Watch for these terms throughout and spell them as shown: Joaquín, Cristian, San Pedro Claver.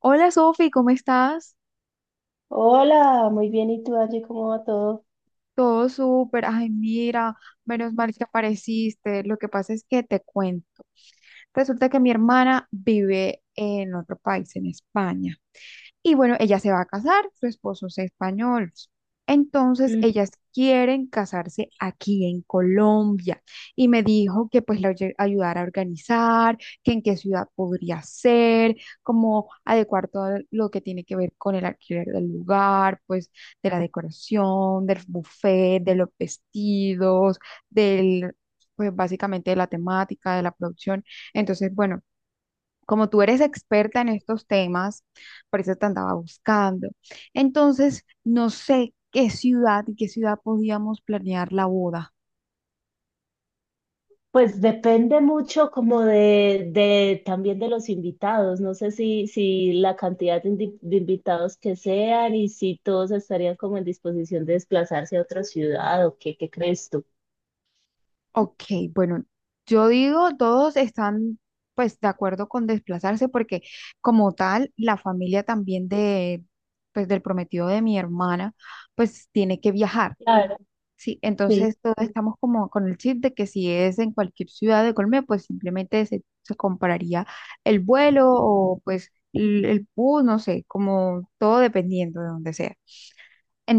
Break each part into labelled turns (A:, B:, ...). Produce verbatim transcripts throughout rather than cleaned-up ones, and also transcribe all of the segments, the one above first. A: Hola Sofi, ¿cómo estás?
B: Hola, muy bien. ¿Y tú, Angie, cómo va todo?
A: Todo súper. Ay, mira, menos mal que apareciste. Lo que pasa es que te cuento. Resulta que mi hermana vive en otro país, en España. Y bueno, ella se va a casar, su esposo es español. Entonces, ellas quieren casarse aquí en Colombia. Y me dijo que pues la oye- ayudara a organizar, que en qué ciudad podría ser, como adecuar todo lo que tiene que ver con el alquiler del lugar, pues de la decoración, del buffet, de los vestidos, del, pues básicamente de la temática, de la producción. Entonces, bueno, como tú eres experta en estos temas, por eso te andaba buscando. Entonces, no sé qué ciudad y qué ciudad podíamos planear la boda.
B: Pues depende mucho como de, de también de los invitados. No sé si, si la cantidad de, indi- de invitados que sean y si todos estarían como en disposición de desplazarse a otra ciudad o qué, ¿qué crees tú?
A: Ok, bueno, yo digo, todos están pues de acuerdo con desplazarse porque como tal, la familia también de pues del prometido de mi hermana pues tiene que viajar.
B: Claro,
A: Sí,
B: sí.
A: entonces todos estamos como con el chip de que si es en cualquier ciudad de Colombia, pues simplemente se, se compraría el vuelo o pues el, el bus, no sé, como todo dependiendo de donde sea.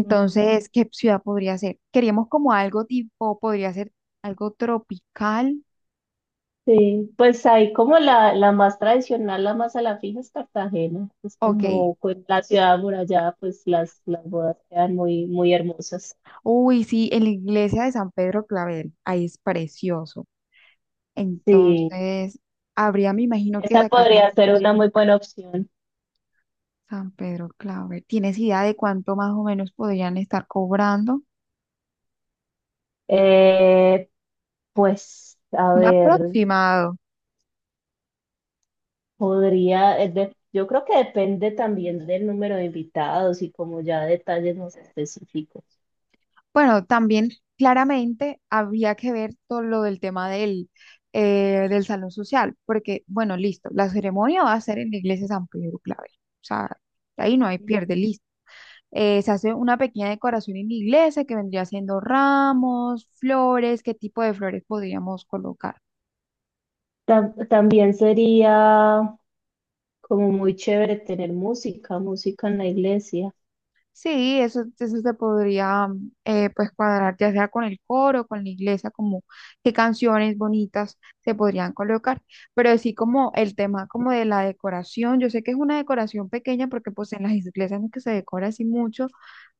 B: Ujú.
A: ¿qué ciudad podría ser? Queríamos como algo tipo, podría ser algo tropical.
B: Sí, pues ahí como la, la más tradicional, la más a la fija es Cartagena. Es
A: Ok.
B: como, pues, la ciudad amurallada, pues las, las bodas quedan muy, muy hermosas.
A: Uy, sí, en la iglesia de San Pedro Clavel, ahí es precioso.
B: Sí.
A: Entonces, habría, me imagino que
B: Esa
A: sacar la
B: podría
A: cosa.
B: ser una muy buena opción.
A: San Pedro Claver. ¿Tienes idea de cuánto más o menos podrían estar cobrando?
B: Eh, pues, a
A: Un
B: ver,
A: aproximado.
B: podría, eh, de- yo creo que depende también del número de invitados y como ya detalles más específicos.
A: Bueno, también claramente habría que ver todo lo del tema del, eh, del salón social, porque, bueno, listo, la ceremonia va a ser en la iglesia San Pedro Claver. O sea, ahí no hay pierde, listo. Eh, se hace una pequeña decoración en la iglesia que vendría siendo ramos, flores. ¿Qué tipo de flores podríamos colocar?
B: Tam- también sería como muy chévere tener música, música en la iglesia.
A: Sí, eso, eso se podría eh, pues cuadrar ya sea con el coro, con la iglesia, como qué canciones bonitas se podrían colocar, pero sí como el tema como de la decoración, yo sé que es una decoración pequeña porque pues en las iglesias no es que se decora así mucho,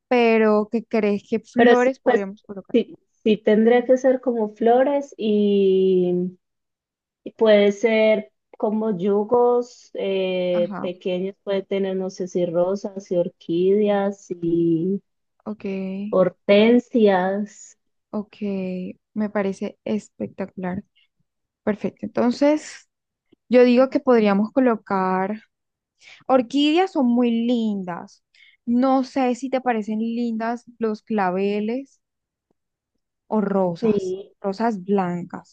A: pero ¿qué crees que
B: Pero sí,
A: flores
B: pues
A: podríamos colocar?
B: sí, sí tendría que ser como flores. Y puede ser como yugos, eh,
A: Ajá,
B: pequeños, puede tener, no sé, si rosas y orquídeas y
A: ok,
B: hortensias,
A: ok, me parece espectacular, perfecto, entonces yo digo que podríamos colocar. Orquídeas son muy lindas. No sé si te parecen lindas los claveles o rosas,
B: sí,
A: rosas blancas,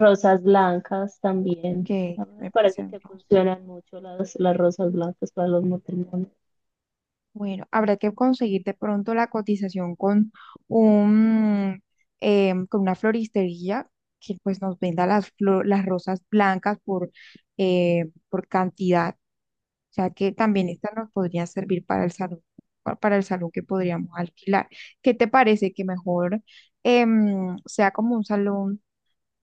B: rosas blancas también.
A: que
B: A mí me
A: me
B: parece
A: parecen
B: que
A: rosas.
B: funcionan mucho las, las rosas blancas para los matrimonios.
A: Bueno, habrá que conseguir de pronto la cotización con un, em, con una floristería que pues nos venda las, flo- las rosas blancas por, eh, por cantidad. O sea que también esta nos podría servir para el salón, pa- para el salón que podríamos alquilar. ¿Qué te parece que mejor em, sea como un salón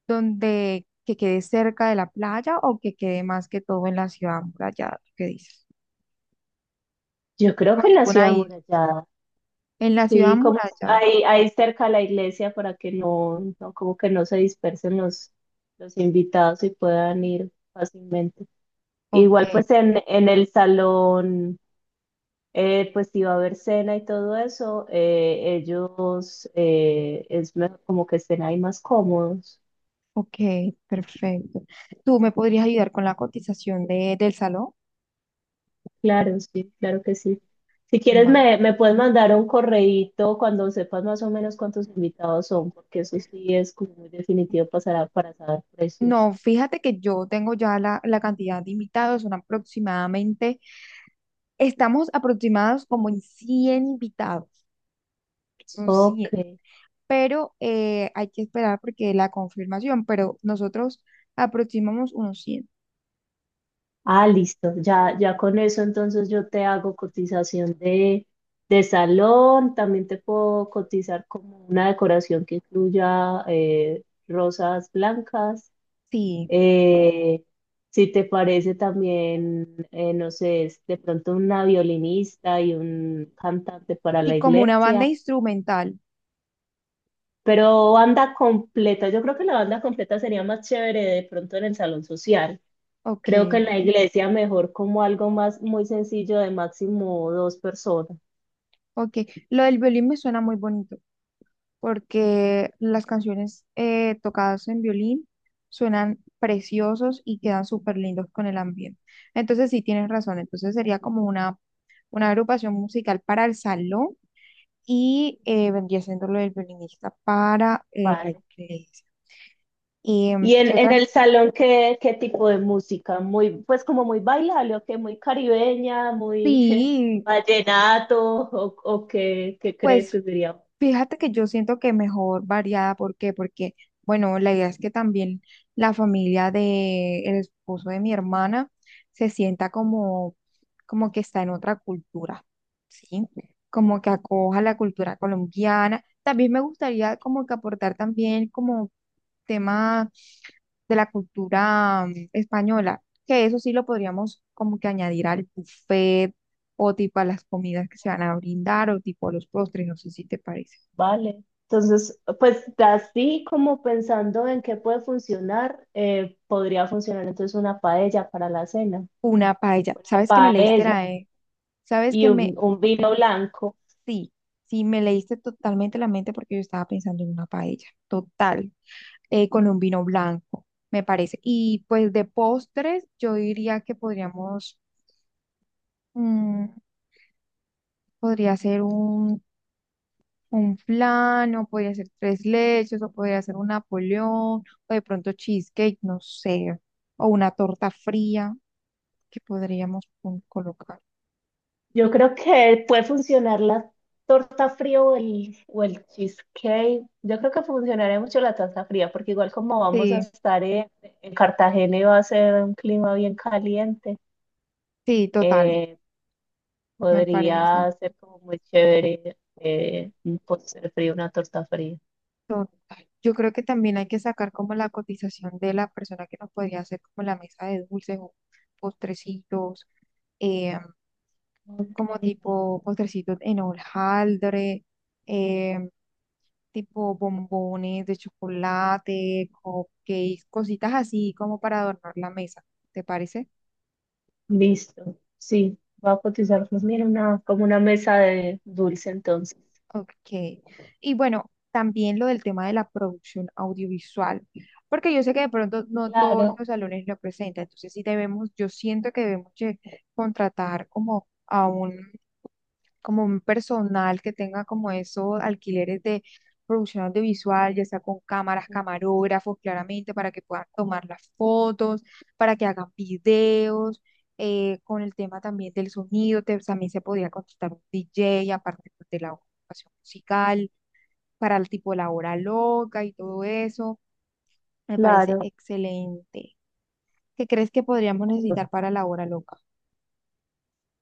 A: donde que quede cerca de la playa o que quede más que todo en la ciudad amurallada? ¿Tú ¿Qué dices?
B: Yo creo
A: Como
B: que en la
A: tipo una
B: ciudad
A: isla.
B: amurallada,
A: En la ciudad
B: sí, como
A: amurallada.
B: ahí, ahí cerca a la iglesia para que no, no, como que no se dispersen los, los invitados y puedan ir fácilmente.
A: Ok,
B: Igual pues en, en el salón, eh, pues iba a haber cena y todo eso, eh, ellos eh, es mejor como que estén ahí más cómodos.
A: ok, perfecto. ¿Tú me podrías ayudar con la cotización de, del salón?
B: Claro, sí, claro que sí. Si quieres
A: Vale.
B: me, me puedes mandar un correíto cuando sepas más o menos cuántos invitados son, porque eso sí es como muy definitivo pasará para saber precios.
A: No, fíjate que yo tengo ya la, la cantidad de invitados, son aproximadamente. Estamos aproximados como en cien invitados, son cien,
B: Ok.
A: pero eh, hay que esperar porque la confirmación, pero nosotros aproximamos unos cien.
B: Ah, listo. Ya, ya con eso entonces yo te hago cotización de, de salón. También te puedo cotizar como una decoración que incluya eh, rosas blancas.
A: Sí,
B: Eh, si te parece también, eh, no sé, es de pronto una violinista y un cantante para la
A: sí, como una banda
B: iglesia.
A: instrumental.
B: Pero banda completa, yo creo que la banda completa sería más chévere de pronto en el salón social.
A: Ok,
B: Creo que en la iglesia mejor como algo más muy sencillo, de máximo dos personas.
A: ok. Lo del violín me suena muy bonito porque las canciones eh, tocadas en violín suenan preciosos y quedan súper lindos con el ambiente. Entonces sí, tienes razón, entonces sería como una, una agrupación musical para el salón y eh, vendría siendo lo del violinista para eh, la
B: Vale.
A: iglesia. Y em,
B: Y en,
A: ¿qué
B: en
A: otra?
B: el salón, ¿qué, qué tipo de música? Muy, pues como muy bailable, o que muy caribeña, muy
A: Sí,
B: vallenato, o, o qué, ¿qué crees
A: pues
B: que sería?
A: fíjate que yo siento que mejor variada, ¿por qué? Porque, bueno, la idea es que también la familia de el esposo de mi hermana se sienta como, como que está en otra cultura, ¿sí? Como que acoja la cultura colombiana. También me gustaría como que aportar también como tema de la cultura mm, española, que eso sí lo podríamos como que añadir al buffet o tipo a las comidas que se van a brindar o tipo a los postres, no sé si te parece.
B: Vale. Entonces, pues así como pensando en qué puede funcionar, eh, podría funcionar entonces una paella para la cena,
A: Una paella,
B: una
A: ¿sabes que me leíste
B: paella
A: la E? ¿Sabes
B: y
A: que
B: un,
A: me...
B: un vino blanco.
A: Sí, sí, me leíste totalmente la mente porque yo estaba pensando en una paella, total, eh, con un vino blanco, me parece. Y pues de postres, yo diría que podríamos, mm, podría ser un un flan, o podría ser tres leches, o podría ser un Napoleón, o de pronto cheesecake, no sé, o una torta fría que podríamos pon- colocar.
B: Yo creo que puede funcionar la torta fría o el, o el cheesecake. Yo creo que funcionaría mucho la torta fría, porque igual como vamos a
A: Sí,
B: estar en, en Cartagena y va a ser un clima bien caliente,
A: sí, total,
B: eh,
A: me parece.
B: podría ser como muy chévere, eh, un postre frío, una torta fría.
A: Total. Yo creo que también hay que sacar como la cotización de la persona que nos podría hacer como la mesa de dulces o postrecitos, eh,
B: Ok,
A: como tipo postrecitos en hojaldre, eh, tipo bombones de chocolate, cupcakes, cositas así como para adornar la mesa. ¿Te parece?
B: listo. Sí, va a cotizar, pues mira, una, como una mesa de dulce entonces.
A: Ok. Y bueno, también lo del tema de la producción audiovisual, porque yo sé que de pronto no todos
B: Claro,
A: los salones lo presentan, entonces sí debemos, yo siento que debemos de contratar como a un, como un personal que tenga como esos alquileres de producción audiovisual, ya sea con cámaras, camarógrafos, claramente, para que puedan tomar las fotos, para que hagan videos, eh, con el tema también del sonido, te- también se podría contratar un D J aparte pues, de la educación musical, para el tipo la hora loca y todo eso. Me parece
B: claro.
A: excelente. ¿Qué crees que podríamos necesitar para la hora loca?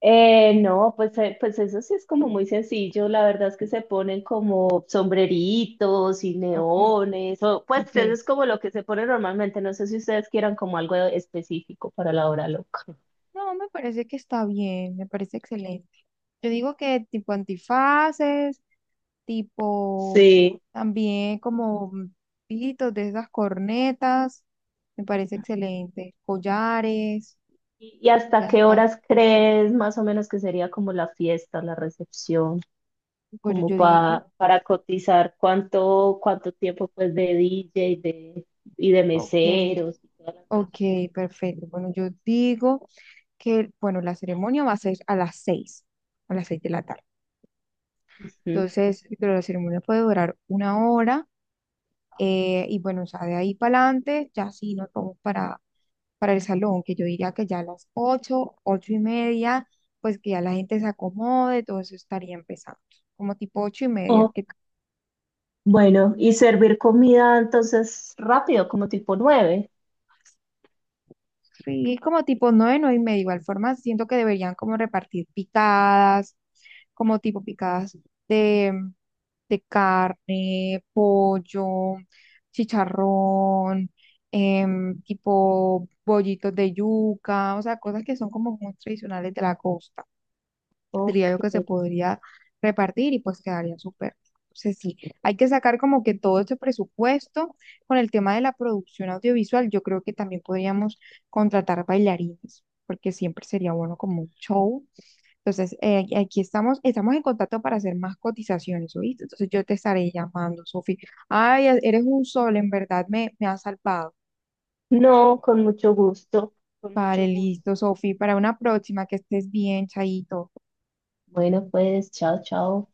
B: Eh, no, pues, eh, pues eso sí es como muy sencillo. La verdad es que se ponen como sombreritos y
A: Ok,
B: neones, o pues
A: ok.
B: eso es como lo que se pone normalmente. No sé si ustedes quieran como algo específico para la hora loca.
A: No, me parece que está bien, me parece excelente. Yo digo que tipo antifaces, tipo
B: Sí.
A: también como pitos de esas cornetas, me parece excelente. Collares,
B: ¿Y, y hasta qué
A: gafas.
B: horas crees más o menos que sería como la fiesta, la recepción,
A: Bueno,
B: como
A: yo digo,
B: pa- para cotizar cuánto, cuánto tiempo pues de D J de, y de
A: ok,
B: meseros y toda la cosa?
A: ok, perfecto. Bueno, yo digo que, bueno, la ceremonia va a ser a las seis a las seis de la tarde. Entonces, pero la ceremonia puede durar una hora eh, y bueno, o sea, de ahí para adelante ya sí nos vamos para, para el salón, que yo diría que ya a las ocho ocho y media, pues que ya la gente se acomode, todo eso estaría empezando, como tipo ocho y media,
B: Ujú.
A: que...
B: Bueno, y servir comida entonces rápido, como tipo nueve.
A: Sí, como tipo nueve, nueve y media. Igual forma, siento que deberían como repartir picadas, como tipo picadas de, de carne, pollo, chicharrón, em, tipo bollitos de yuca, o sea, cosas que son como muy tradicionales de la costa diría
B: Ok.
A: yo que se podría repartir y pues quedaría súper. Entonces sí, hay que sacar como que todo este presupuesto con el tema de la producción audiovisual. Yo creo que también podríamos contratar bailarines, porque siempre sería bueno como un show. Entonces, eh, aquí estamos, estamos en contacto para hacer más cotizaciones, ¿oíste? Entonces yo te estaré llamando, Sofi. Ay, e, eres un sol, en verdad me, me has salvado.
B: No, con mucho gusto, con
A: Vale,
B: mucho gusto.
A: listo, Sofi. Para una próxima, que estés bien, Chaito.
B: Bueno, pues, chao, chao.